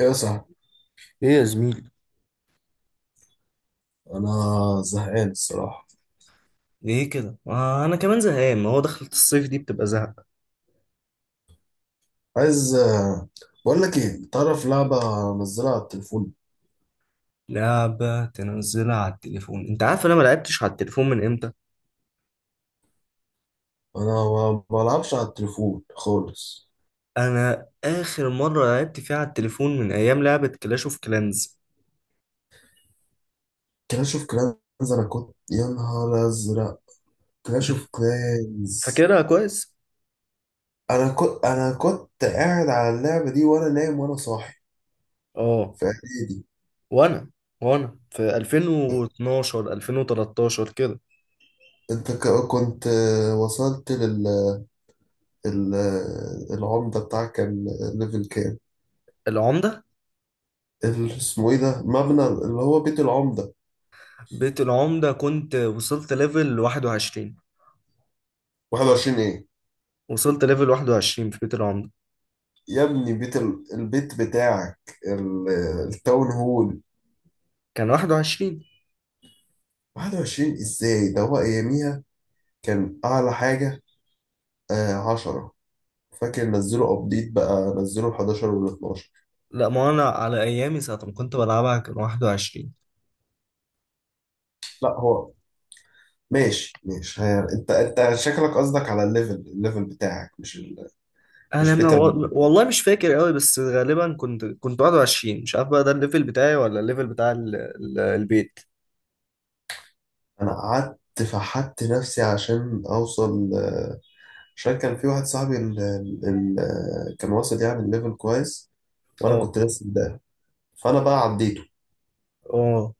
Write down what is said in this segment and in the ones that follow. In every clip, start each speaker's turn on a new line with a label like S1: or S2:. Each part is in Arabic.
S1: ايه يا صاحبي.
S2: ايه يا زميلي،
S1: انا زهقان الصراحه.
S2: ليه كده؟ آه، أنا كمان زهقان، ما هو دخلة الصيف دي بتبقى زهق.
S1: عايز، بقول لك ايه، تعرف لعبه منزلها على التليفون؟
S2: لعبة تنزلها على التليفون؟ أنت عارف أنا ما لعبتش على التليفون من إمتى؟
S1: انا ما بلعبش على التليفون خالص.
S2: أنا آخر مرة لعبت فيها على التليفون من أيام لعبة كلاش أوف كلانز.
S1: كلاش اوف كلانز، انا كنت يا نهار ازرق. كلاش اوف كلانز.
S2: فاكرها كويس؟
S1: انا كنت قاعد على اللعبه دي وانا نايم وانا صاحي
S2: آه.
S1: في اعدادي.
S2: وأنا وأنا في 2012 2013 كده.
S1: انت كنت، وصلت لل، العمده بتاعك كان ليفل كام؟
S2: العمدة.
S1: اسمه ايه ده، مبنى اللي هو بيت العمده؟
S2: بيت العمدة كنت وصلت ليفل 21.
S1: 21 ايه؟
S2: وصلت ليفل 21 في بيت العمدة.
S1: يا ابني بيت البيت بتاعك التاون هول.
S2: كان 21.
S1: 21 ازاي، ده هو اياميها كان اعلى حاجة آه 10. فاكر نزلوا ابديت بقى، نزلوا ال 11 وال 12.
S2: لا، ما انا على ايامي ساعه ما كنت بلعبها كان 21.
S1: لا هو، ماشي ماشي، هي انت شكلك قصدك على الليفل، الليفل بتاعك مش ال...،
S2: انا
S1: مش
S2: ما
S1: بيت
S2: و...
S1: ال-.
S2: والله مش فاكر قوي، بس غالبا كنت 21، مش عارف بقى ده الليفل بتاعي ولا الليفل بتاع البيت.
S1: انا قعدت، فحت نفسي عشان اوصل، عشان كان في واحد صاحبي كان واصل يعني الليفل كويس، وانا
S2: اه،
S1: كنت لسه ده، فانا بقى عديته
S2: اه.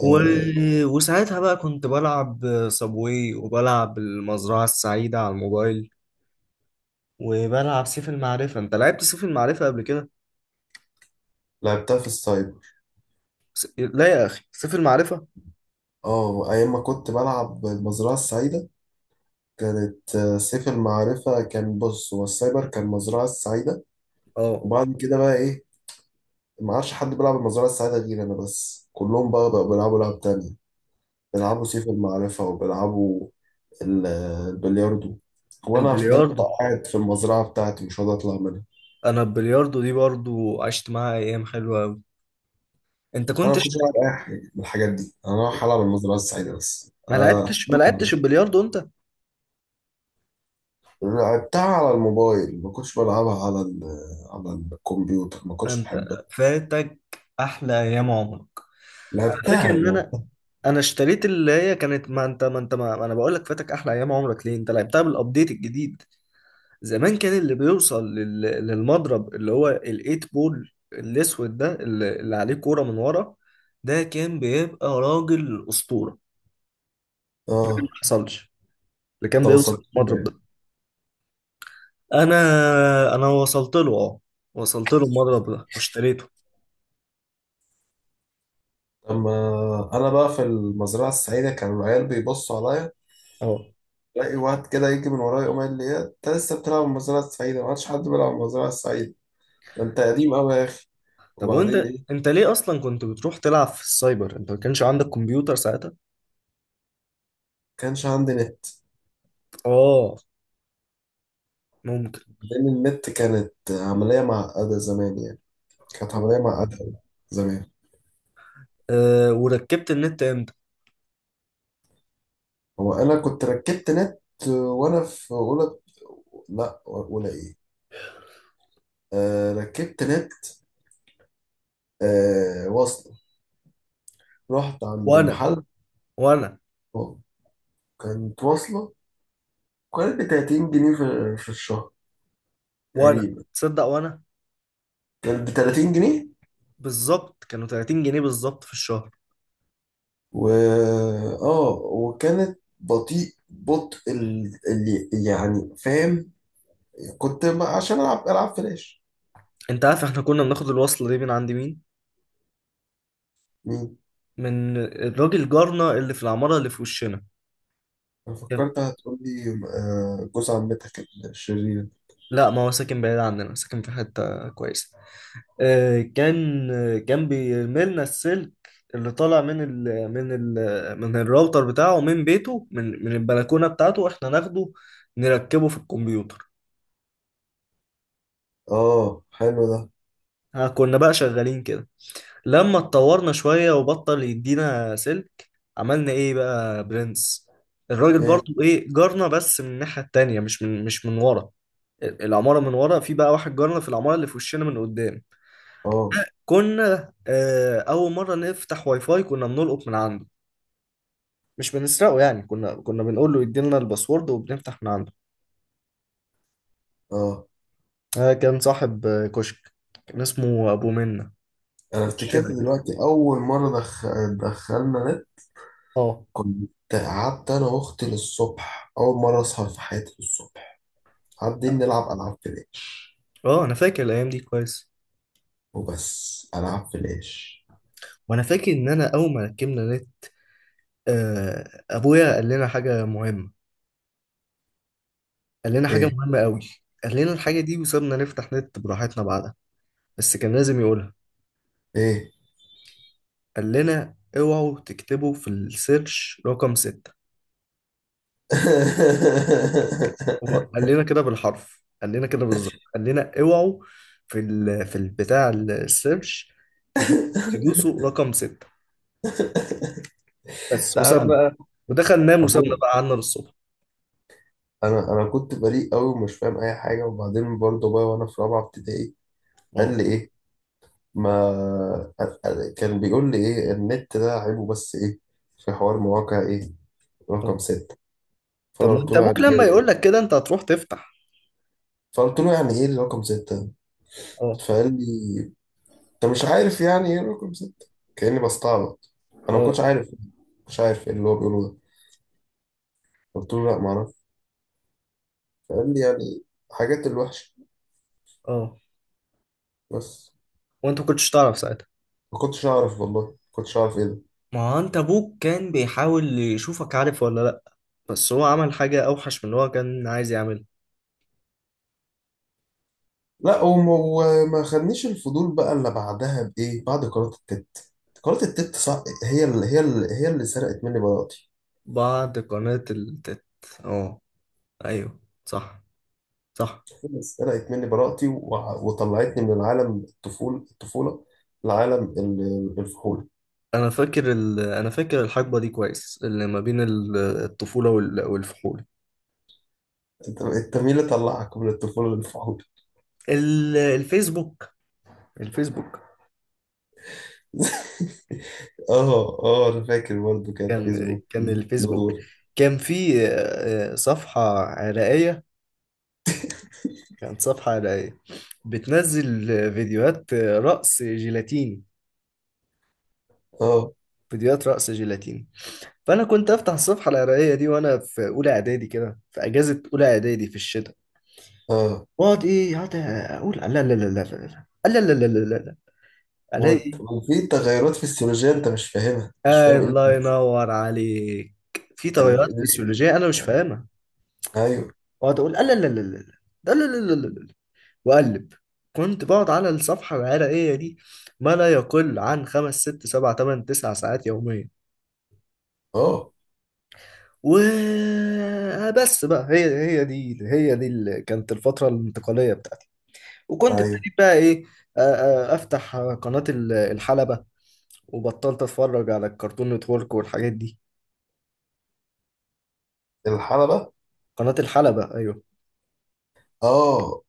S2: و...
S1: آه،
S2: وساعتها بقى كنت بلعب صابواي وبلعب المزرعه السعيده على الموبايل، وبلعب سيف المعرفه. انت لعبت سيف المعرفه قبل كده؟
S1: لعبتها في السايبر.
S2: لا يا اخي، سيف المعرفه.
S1: اه، ايام ما كنت بلعب المزرعة السعيدة كانت، سيف المعرفة كان، بص هو السايبر كان المزرعة السعيدة.
S2: اه.
S1: وبعد كده بقى ايه، ما عادش حد بيلعب المزرعة السعيدة غير انا بس، كلهم بقى بقوا بيلعبوا لعب تانية، بيلعبوا سيف المعرفة وبيلعبوا البلياردو، وانا فضلت
S2: البلياردو.
S1: قاعد في المزرعة بتاعتي مش راضي اطلع منها.
S2: انا البلياردو دي برضو عشت معاها ايام حلوه قوي. انت
S1: انا
S2: كنت...
S1: ما كنتش العب اي حاجة من الحاجات دي، انا رايح العب المزرعة السعيدة بس
S2: ما
S1: آه.
S2: لعبتش ما لعبتش البلياردو انت؟
S1: لعبتها على الموبايل، ما كنتش بلعبها على ال، على الكمبيوتر، ما كنتش
S2: انت
S1: بحبها.
S2: فاتك احلى ايام عمرك. انا فاكر
S1: لعبتها
S2: ان انا
S1: لعبتها.
S2: انا اشتريت اللي هي كانت... ما انت ما انت ما ما انا بقول لك فاتك احلى ايام عمرك ليه، انت لعبتها بالابديت الجديد. زمان كان اللي بيوصل للمضرب اللي هو الايت بول الاسود ده، اللي عليه كوره من ورا، ده كان بيبقى راجل اسطوره ما
S1: اه،
S2: حصلش اللي كان
S1: طب
S2: بيوصل
S1: وصلت
S2: للمضرب
S1: لها.
S2: ده. انا انا وصلت له، اه، وصلت له المضرب ده واشتريته.
S1: لما انا بقى في المزرعه السعيده كان العيال بيبصوا عليا،
S2: اه.
S1: الاقي واحد كده يجي من ورايا يقوم قال لي انت لسه بتلعب المزرعه السعيده؟ ما عادش حد بيلعب المزرعه السعيده، ده انت قديم قوي يا اخي.
S2: طب
S1: وبعدين
S2: وانت،
S1: ايه،
S2: انت ليه اصلا كنت بتروح تلعب في السايبر؟ انت ما كانش عندك كمبيوتر ساعتها؟
S1: كانش عندي نت،
S2: اه، ممكن.
S1: لان النت كانت عمليه معقده زمان يعني، كانت
S2: اه.
S1: عمليه معقده أوي زمان.
S2: أه، وركبت النت امتى؟
S1: هو انا كنت ركبت نت وانا في اولى. لا اولى ايه، آه ركبت نت، آه واصله، رحت عند
S2: وانا
S1: محل.
S2: وانا
S1: كانت واصله، كانت ب 30 جنيه في الشهر
S2: وانا
S1: تقريبا،
S2: تصدق، وانا
S1: كانت ب 30 جنيه.
S2: بالظبط كانوا 30 جنيه بالظبط في الشهر.
S1: و اه، وكانت بطيء، بطء اللي يعني فاهم. كنت عشان العب فلاش.
S2: انت عارف احنا كنا بناخد الوصلة دي من عند مين؟
S1: مم.
S2: من الراجل جارنا اللي في العمارة اللي في وشنا.
S1: انا فكرت هتقول لي جوز عمتك الشرير.
S2: لا، ما هو ساكن بعيد عننا، ساكن في حتة كويسة. كان بيرملنا السلك اللي طالع من الراوتر بتاعه، من بيته، من البلكونة بتاعته، احنا ناخده نركبه في الكمبيوتر.
S1: اه حلو ده.
S2: ها، كنا بقى شغالين كده. لما اتطورنا شوية وبطل يدينا سلك عملنا ايه بقى؟ برنس. الراجل
S1: إيه،
S2: برضو، ايه، جارنا، بس من الناحية التانية، مش من ورا العمارة، من ورا في بقى واحد جارنا في العمارة اللي في وشنا من قدام.
S1: اه
S2: كنا اول مره نفتح واي فاي كنا بنلقط من عنده. مش بنسرقه يعني، كنا بنقول له يدينا الباسورد وبنفتح من عنده.
S1: اه
S2: كان صاحب كشك. كان اسمه ابو منة،
S1: انا
S2: في
S1: افتكرت
S2: وشنا كده.
S1: دلوقتي اول مره دخلنا نت.
S2: اه،
S1: كنت قعدت انا واختي للصبح، اول مره اصحى في حياتي الصبح قاعدين نلعب العاب فلاش،
S2: اه، انا فاكر الايام دي كويس.
S1: وبس العاب فلاش.
S2: وانا فاكر ان انا اول ما ركبنا نت، ابويا قال لنا حاجه مهمه. قال لنا حاجه
S1: ايه،
S2: مهمه قوي. قال لنا الحاجه دي وسابنا نفتح نت براحتنا بعدها، بس كان لازم يقولها.
S1: ايه.
S2: قال لنا اوعوا تكتبوا في السيرش رقم 6. هو قال لنا كده بالحرف، قال لنا كده بالظبط، قال لنا اوعوا، في البتاع السيرش تدو- تدوسوا رقم 6. بس.
S1: تعرف
S2: وسابنا،
S1: بقى.
S2: ودخل نام وسابنا
S1: ابوه.
S2: بقى قعدنا للصبح.
S1: انا كنت بريء قوي ومش فاهم اي حاجه. وبعدين برضه بقى وانا في رابعه ابتدائي قال
S2: اه،
S1: لي ايه؟ ما كان بيقول لي ايه، النت ده عيبه بس ايه، في حوار مواقع ايه
S2: اه.
S1: رقم ستة.
S2: طب
S1: فأنا
S2: ما
S1: قلت
S2: انت
S1: له
S2: ابوك
S1: يعني
S2: لما
S1: إيه،
S2: يقول لك كده انت هتروح تفتح.
S1: فقلت له يعني إيه الرقم ستة،
S2: اه،
S1: فقال لي أنت مش عارف يعني إيه رقم ستة، كأني بستعبط. أنا ما
S2: اه،
S1: كنتش عارف، ما كنتش عارف إيه اللي هو بيقوله ده. قلت له لا معرفش، فقال لي يعني حاجات الوحشة
S2: اه.
S1: بس.
S2: وانت ما كنتش تعرف ساعتها؟
S1: ما كنتش أعرف، والله ما كنتش أعرف إيه ده.
S2: ما هو انت ابوك كان بيحاول يشوفك عارف ولا لا، بس هو عمل حاجة اوحش من اللي هو كان عايز يعملها.
S1: لا، وما خدنيش الفضول بقى إلا بعدها بإيه، بعد قناة التت. قناة التت صح، هي اللي سرقت مني بقى،
S2: بعد قناة التت. اه، ايوه، صح، صح.
S1: بس سرقت مني براءتي، وطلعتني من العالم الطفولة الطفولة لعالم الفحول.
S2: انا فاكر الحقبه دي كويس، اللي ما بين الطفوله والفحول.
S1: انت مين اللي طلعك من الطفولة للفحول؟
S2: ال... الفيسبوك الفيسبوك
S1: اه اه انا فاكر برضه كان
S2: كان
S1: فيسبوك.
S2: كان الفيسبوك.
S1: ندور.
S2: كان في صفحه عراقيه. كانت صفحه عراقيه بتنزل فيديوهات رقص جيلاتيني،
S1: اه
S2: فيديوهات رقص جيلاتيني. فانا كنت افتح الصفحه العراقيه دي وانا في اولى اعدادي كده، في اجازه اولى اعدادي في الشتاء.
S1: اه
S2: واقعد ايه، اقعد اقول لا لا لا لا لا لا لا لا لا لا لا لا. الاقي...
S1: وفي تغيرات فسيولوجية انت مش فاهمها، مش فاهم
S2: آه،
S1: ايه اللي
S2: الله
S1: بيحصل.
S2: ينور عليك، في
S1: آه،
S2: تغيرات
S1: ليه؟
S2: فسيولوجية أنا مش
S1: آه.
S2: فاهمها.
S1: ايوه.
S2: وأقعد أقول لا لا لا لا لا لا لا لا لا لا وأقلب. كنت بقعد على الصفحة العرقية دي ما لا يقل عن 5 6 7 8 9 ساعات يوميا.
S1: اه
S2: و بس بقى، هي دي، هي دي اللي كانت الفترة الانتقالية بتاعتي. وكنت
S1: ايوه.
S2: ابتديت بقى إيه؟ آه، أفتح قناة الحلبة، وبطلت أتفرج على الكرتون نتورك والحاجات دي.
S1: الحلبة.
S2: قناة الحلبة، أيوه.
S1: اه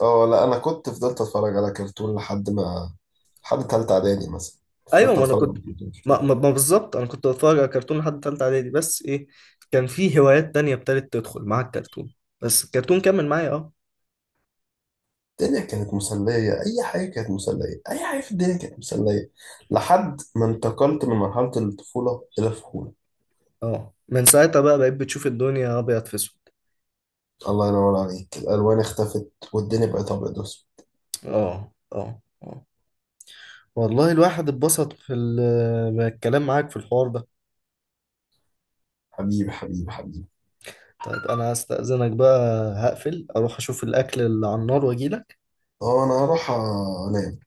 S1: اه. لا انا كنت فضلت اتفرج على كرتون لحد ما، لحد تالتة اعدادي مثلا
S2: ايوه،
S1: فضلت
S2: ما انا
S1: اتفرج
S2: كنت،
S1: على كرتون
S2: ما,
S1: كتير.
S2: ما, ما بالظبط انا كنت بتفرج على كرتون لحد تالتة اعدادي، بس ايه، كان في هوايات تانية ابتدت تدخل مع الكرتون، بس الكرتون كمل معايا. اه.
S1: الدنيا كانت مسلية، اي حاجة كانت مسلية، اي حاجة في الدنيا كانت مسلية لحد ما انتقلت من مرحلة الطفولة الى الفهولة.
S2: اه، من ساعتها بقى بقيت بتشوف الدنيا ابيض في اسود.
S1: الله ينور عليك، الالوان اختفت والدنيا بقت ابيض واسود.
S2: اه، اه، اه. والله الواحد اتبسط بالكلام معاك في الحوار ده.
S1: حبيبي حبيبي حبيبي.
S2: طيب، انا هستأذنك بقى، هقفل اروح اشوف الاكل اللي على النار واجيلك.
S1: اه انا هروح انام.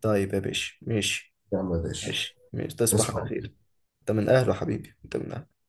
S2: طيب يا باشا، ماشي.
S1: يا عم يا باشا.
S2: ماشي، ماشي، تصبح على
S1: تسمع
S2: خير. انت من اهله حبيبي، انت من أهله.